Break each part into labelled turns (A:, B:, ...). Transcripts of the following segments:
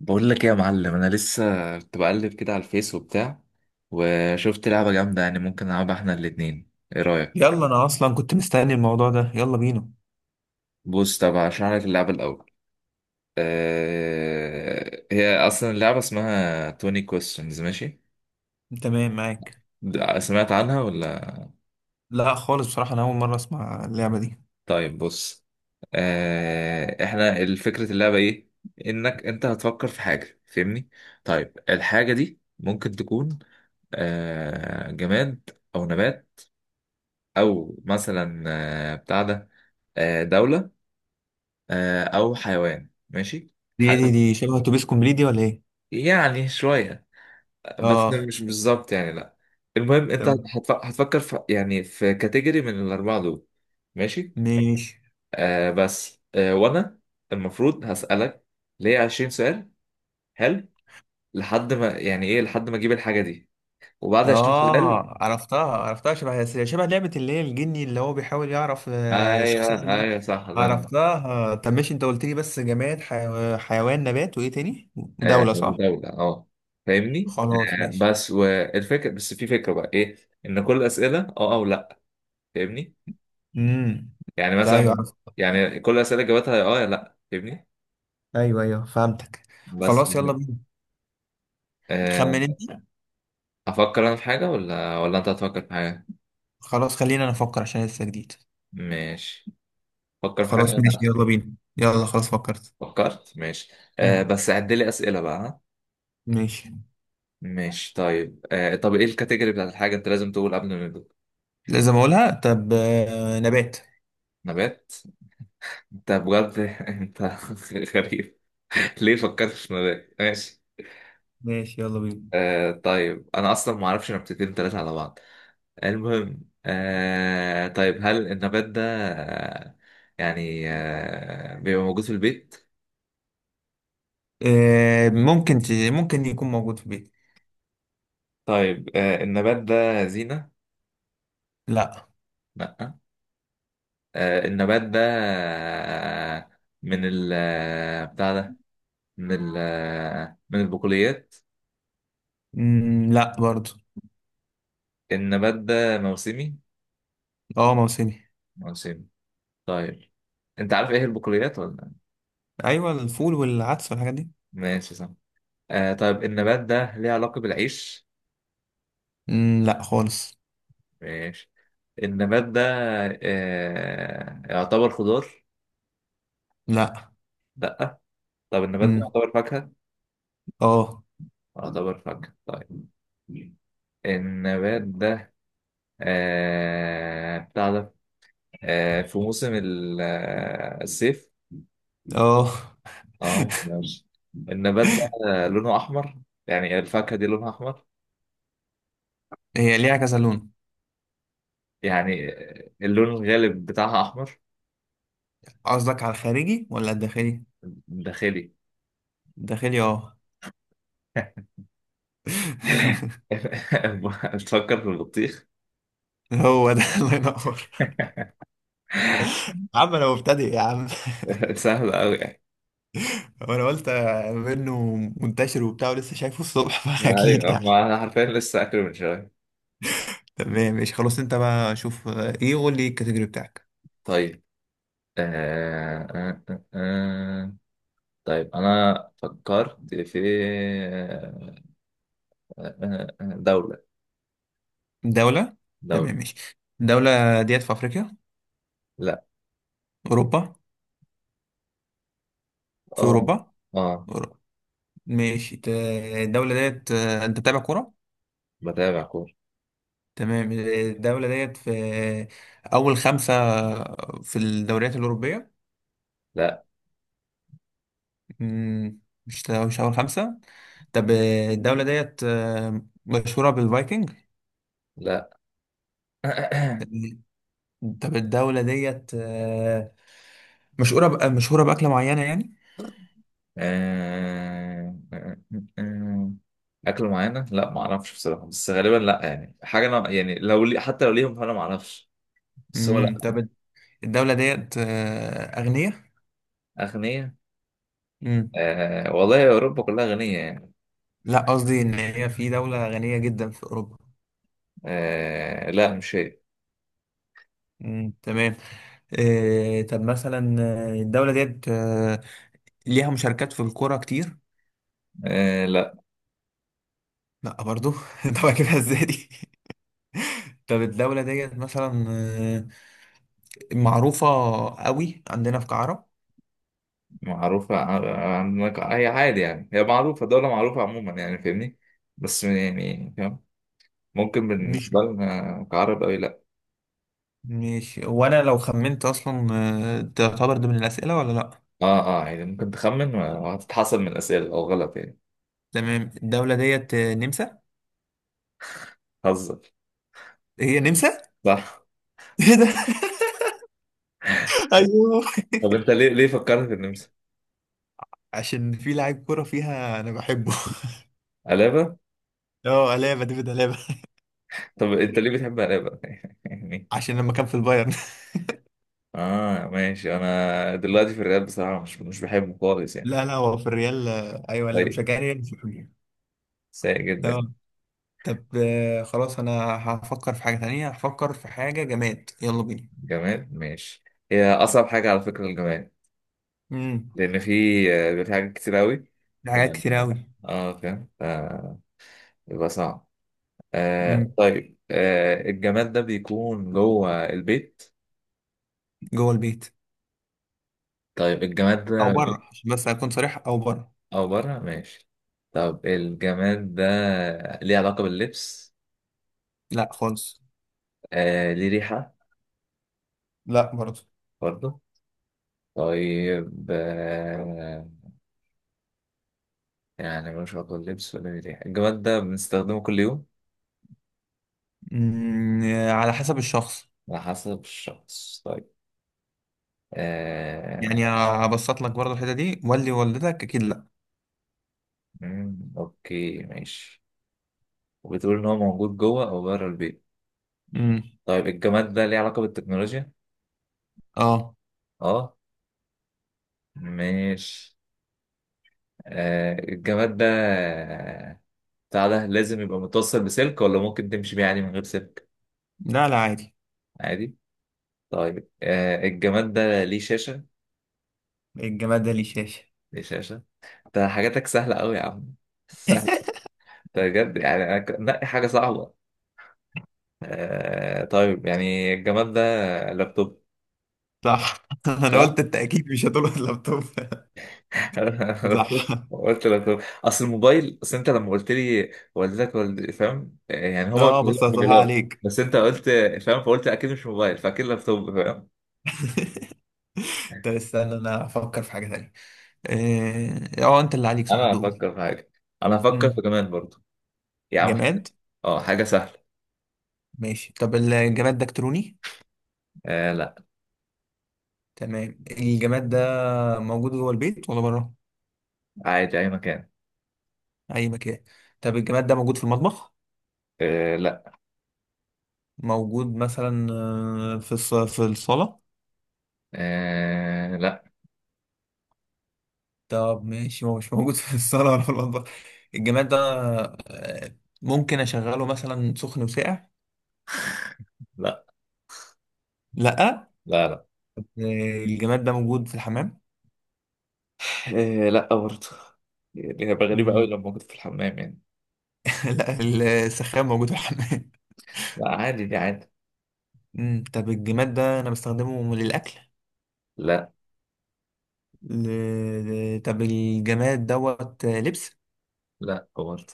A: بقول لك ايه يا معلم؟ انا لسه كنت بقلب كده على الفيس وبتاع، وشفت لعبه جامده يعني ممكن نلعبها احنا الاتنين. ايه رايك؟
B: يلا انا اصلا كنت مستني الموضوع ده، يلا بينا.
A: بص، طب هشرح لك اللعبه الاول. هي اصلا اللعبه اسمها 20 questions، ماشي؟
B: تمام معاك.
A: سمعت عنها ولا؟
B: لا خالص، بصراحة انا اول مرة اسمع اللعبة دي.
A: طيب بص. احنا الفكره اللعبه ايه؟ انك انت هتفكر في حاجه، فاهمني؟ طيب الحاجه دي ممكن تكون جماد، او نبات، او مثلا بتاع ده، دولة، أو حيوان، ماشي
B: دي دي
A: حاجة.
B: دي شبه اتوبيس كومبليت دي ولا ايه؟
A: يعني شوية، بس
B: اه.
A: مش بالظبط يعني، لا. المهم أنت
B: تمام
A: هتفكر في يعني في كاتيجوري من الأربعة دول. ماشي.
B: ماشي.
A: بس وأنا المفروض هسألك ليه 20 سؤال، حلو. لحد ما يعني إيه، لحد ما أجيب الحاجة دي. وبعد 20 سؤال.
B: اه عرفتها عرفتها، شبه لعبة اللي هي الجني اللي هو بيحاول يعرف الشخصية
A: أيوه،
B: اللي.
A: أيوه، صح، الله ينور.
B: عرفتها. طب ماشي، انت قلت لي بس جماد حيوان نبات، وايه تاني؟
A: آه،
B: ودولة، صح؟
A: دولة، أه. فاهمني؟
B: خلاص
A: آه،
B: ماشي.
A: بس والفكرة بس في فكرة بقى إيه؟ إن كل الأسئلة أه أو لأ، فاهمني؟
B: امم،
A: يعني
B: ايوه
A: مثلا،
B: عرفت.
A: يعني كل الاسئله جاوبتها يا اه يا لا، فاهمني؟
B: ايوه ايوه فهمتك.
A: بس.
B: خلاص يلا بينا.
A: آه،
B: تخمن انت.
A: افكر انا في حاجه ولا انت هتفكر في حاجه؟
B: خلاص خلينا نفكر عشان لسه جديد.
A: ماشي، فكر في حاجه
B: خلاص ماشي
A: انا.
B: يلا بينا، يلا خلاص فكرت.
A: فكرت؟ ماشي.
B: مم.
A: بس عد لي اسئله بقى، ها؟
B: ماشي.
A: ماشي طيب. طب ايه الكاتيجوري بتاعت الحاجه؟ انت لازم تقول قبل ما نبدأ.
B: لازم اقولها. طب نبات.
A: نبات؟ انت بجد؟ انت غريب. ليه فكرت في نبات؟ ماشي.
B: ماشي يلا بينا.
A: طيب انا اصلا ما اعرفش نبتتين ثلاثه على بعض. المهم. طيب هل النبات ده آه يعني بيبقى موجود في البيت؟
B: ممكن ممكن يكون موجود في البيت.
A: طيب، النبات ده زينة؟
B: لا.
A: لأ. النبات ده آه من ال بتاع ده، من ال من البقوليات.
B: مم، لا برضو.
A: النبات ده موسمي؟
B: اه، موسمي.
A: موسمي. طيب. انت عارف ايه البقوليات ولا؟
B: ايوه، الفول والعدس والحاجات دي.
A: ماشي، صح. طيب النبات ده ليه علاقة بالعيش؟
B: مم، لا خالص.
A: ماشي. النبات ده يعتبر خضار؟
B: لا.
A: لا. طب النبات ده
B: مم،
A: يعتبر فاكهة؟
B: اه.
A: يعتبر فاكهة، طيب. النبات ده بتاع ده في موسم الصيف؟
B: اه.
A: اه ماشي. النبات ده لونه أحمر؟ يعني الفاكهة دي لونها أحمر.
B: هي ليها كذا لون.
A: يعني اللون الغالب بتاعها أحمر.
B: قصدك على الخارجي ولا الداخلي؟
A: داخلي.
B: الداخلي، اه.
A: بتفكر في البطيخ؟
B: هو ده، الله ينور. يا عم انا مبتدئ يا عم.
A: سهل أوي يعني.
B: وانا قلت منه منتشر وبتاع ولسه شايفه الصبح فاكيد
A: ايوه،
B: يعني.
A: ما انا حرفيا لسه اكله من شويه.
B: تمام ماشي خلاص، انت بقى شوف ايه، قول لي الكاتيجوري بتاعك.
A: طيب. آه آه آه آه. آه. طيب أنا فكرت في آه دولة.
B: دولة.
A: دولة.
B: تمام ماشي. الدولة ديت في افريقيا؟
A: لا.
B: اوروبا. في
A: آه.
B: اوروبا.
A: آه.
B: اوروبا. ماشي الدولة ديت انت بتابع كورة.
A: بتابع كورة.
B: تمام. الدولة ديت في اول خمسة في الدوريات الأوروبية.
A: لا.
B: مم، مش اول خمسة. طب الدولة ديت مشهورة بالفايكنج.
A: لا. آه
B: طب الدولة ديت مشهورة مشهورة بأكلة معينة يعني؟
A: آه آه آه. أكل معينة؟ لا ما أعرفش بصراحة، بس غالبا لا يعني حاجة. أنا يعني لو لي، حتى لو ليهم، فأنا ما أعرفش. بس هو لا.
B: طب الدولة ديت أغنية؟
A: أغنية؟
B: امم،
A: آه، والله أوروبا كلها غنية يعني.
B: لا قصدي إن هي في دولة غنية جدا في أوروبا.
A: آه، لا مش هي.
B: امم، تمام. طب مثلا الدولة ديت ليها مشاركات في الكورة كتير؟
A: آه، لا.
B: لا برضو. طب أجيبها إزاي دي؟ طب الدولة ديت مثلا معروفة قوي عندنا في كعرب؟
A: معروفة عندك هي عادي يعني، هي معروفة، دولة معروفة عموما يعني، فاهمني؟ بس يعني فاهم، ممكن
B: مش.
A: بالنسبة لنا كعرب أوي لأ.
B: ماشي وانا لو خمنت اصلا، تعتبر ضمن الاسئله ولا لا؟
A: يعني ممكن تخمن وهتتحسب من الأسئلة لو غلط يعني.
B: تمام. الدوله ديت نمسا.
A: هزر.
B: هي نمسا.
A: صح.
B: ايه ده! ايوه.
A: طب أنت ليه فكرت في النمسا؟
B: عشان في لاعب كوره فيها انا بحبه.
A: قلابة؟
B: اه، الابا، ديفيد الابا.
A: طب أنت ليه بتحب قلابة؟ يعني.
B: عشان لما كان في البايرن.
A: آه ماشي. أنا دلوقتي في الرياض بصراحة مش بحبه خالص يعني.
B: لا لا، هو في الريال. ايوه، اللي
A: طيب.
B: مشجعني ريال مش بحبه.
A: سيء جدا.
B: اه. طب خلاص انا هفكر في حاجه تانية، هفكر في حاجه جماد، يلا بينا.
A: جماد؟ ماشي. هي أصعب حاجة على فكرة الجماد.
B: امم.
A: لأن في بيبقى في حاجات كتير أوي.
B: في حاجات كتير
A: فلما-
B: قوي.
A: اه فاهم. يبقى صعب.
B: امم
A: طيب. الجماد ده بيكون جوه البيت؟
B: جوه البيت.
A: طيب، الجماد
B: او
A: ده
B: بره عشان بس اكون صريح، او بره.
A: أو بره ماشي. طب الجماد ده ليه علاقة باللبس؟
B: لا خالص.
A: ليه ريحة؟
B: لا برضه.
A: برضه؟ طيب. يعني ملوش علاقة باللبس ولا ليه ريحة. الجماد ده بنستخدمه كل يوم؟
B: مم، على حسب الشخص.
A: على حسب الشخص، طيب. آه
B: يعني هبسط لك برضه الحتة دي، ولي والدتك أكيد لا.
A: أوكي ماشي. وبتقول إن هو موجود جوه أو بره البيت.
B: مم.
A: طيب الجماد ده ليه علاقة بالتكنولوجيا؟
B: اه.
A: أه، ماشي. الجماد ده بتاع ده لازم يبقى متوصل بسلك ولا ممكن تمشي بيه عادي من غير سلك؟
B: لا لا عادي.
A: عادي. طيب. الجماد ده ليه شاشة؟
B: الجماد ده ليه شاشة؟
A: ليه شاشة؟ ده حاجاتك سهلة أوي يا عم سهلة. ده بجد، يعني أنا نقي حاجة صعبة. طيب يعني الجماد ده لابتوب،
B: صح. أنا
A: صح؟
B: قلت أنت أكيد مش هتقول اللابتوب.
A: انا أنا
B: صح.
A: قلت لك اصل الموبايل، اصل انت لما قلت لي والدتك والد، فاهم؟ يعني هما مش
B: اه،
A: بيجيبوا
B: بسطتها
A: موبايلات.
B: عليك.
A: بس انت قلت، فاهم، فقلت اكيد مش موبايل فاكيد لابتوب، فاهم.
B: طب استنى انا افكر في حاجة تانية. اه أنت اللي عليك، صح
A: انا
B: دول.
A: هفكر في حاجه. انا هفكر في
B: مم.
A: كمان برضه. يا عم.
B: جماد.
A: اه حاجه سهله.
B: ماشي. طب الجماد ده إلكتروني؟
A: آه، لا
B: تمام. الجماد ده موجود جوه البيت ولا بره؟
A: عادي اي مكان.
B: أي مكان. طب الجماد ده موجود في المطبخ؟
A: آه، لا.
B: موجود مثلا في في الصالة؟
A: آه، لا.
B: طب ماشي، هو مش موجود في الصالة ولا في المطبخ. الجماد ده ممكن أشغله مثلا سخن وساقع؟
A: لا.
B: لأ.
A: لا، لا.
B: الجماد ده موجود في الحمام؟
A: آه، لا برضه. يعني هيبقى غريبه قوي
B: مم.
A: لما كنت في الحمام يعني.
B: لأ، السخان موجود في الحمام.
A: لا، عادي دي عادي.
B: مم. طب الجماد ده أنا بستخدمه للأكل؟
A: لا،
B: طب الجماد دوت لبس؟
A: لا برضه.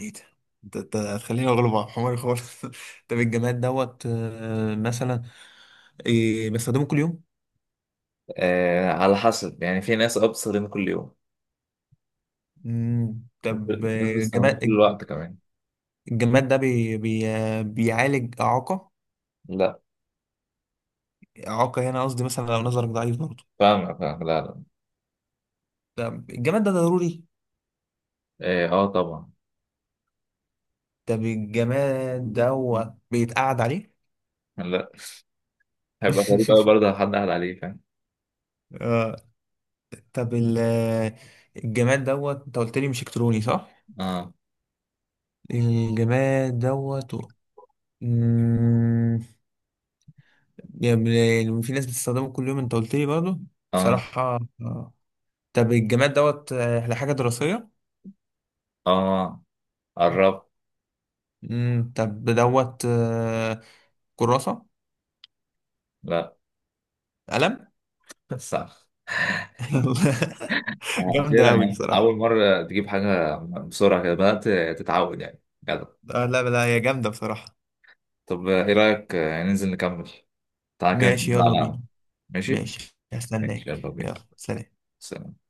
B: ايه ده. انت هتخليني اغلب على حماري خالص. طب الجماد دوت مثلا إيه بستخدمه كل يوم.
A: على حسب يعني، في ناس ابصر كل يوم.
B: مم. طب
A: الناس بتستخدمه طول
B: الجماد
A: الوقت كمان.
B: ده بيعالج إعاقة؟
A: لا.
B: إعاقة هنا قصدي مثلا لو نظرك ضعيف برضه.
A: فاهمك، فاهم. لا، لا.
B: طب الجماد ده ضروري؟
A: ايه، اه طبعا.
B: طب الجماد ده هو بيتقعد عليه؟
A: لا، هيبقى غريب قوي برضه لو حد قال عليه، فاهم.
B: آه. طب الجماد دوت انت قلت لي مش الكتروني، صح؟
A: اه،
B: الجماد دوت مم، يعني في ناس بتستخدمه كل يوم انت قلت لي برضه.
A: اه،
B: بصراحة. طب الجماد دوت لحاجة دراسية؟
A: اه. قربت.
B: امم. طب دوت كراسة؟
A: لا.
B: قلم.
A: صح. اخيرا
B: جامدة أوي
A: يعني
B: بصراحة.
A: اول مره تجيب حاجه. بسرعه كده بدات تتعود يعني، جدع.
B: آه، لا لا، هي جامدة بصراحة.
A: طب ايه رايك ننزل نكمل؟ تعالى كده
B: ماشي
A: نكمل على
B: يلا بينا.
A: القهوة. ماشي.
B: ماشي
A: ماشي يلا
B: هستناك،
A: بينا.
B: يلا سلام.
A: سلام.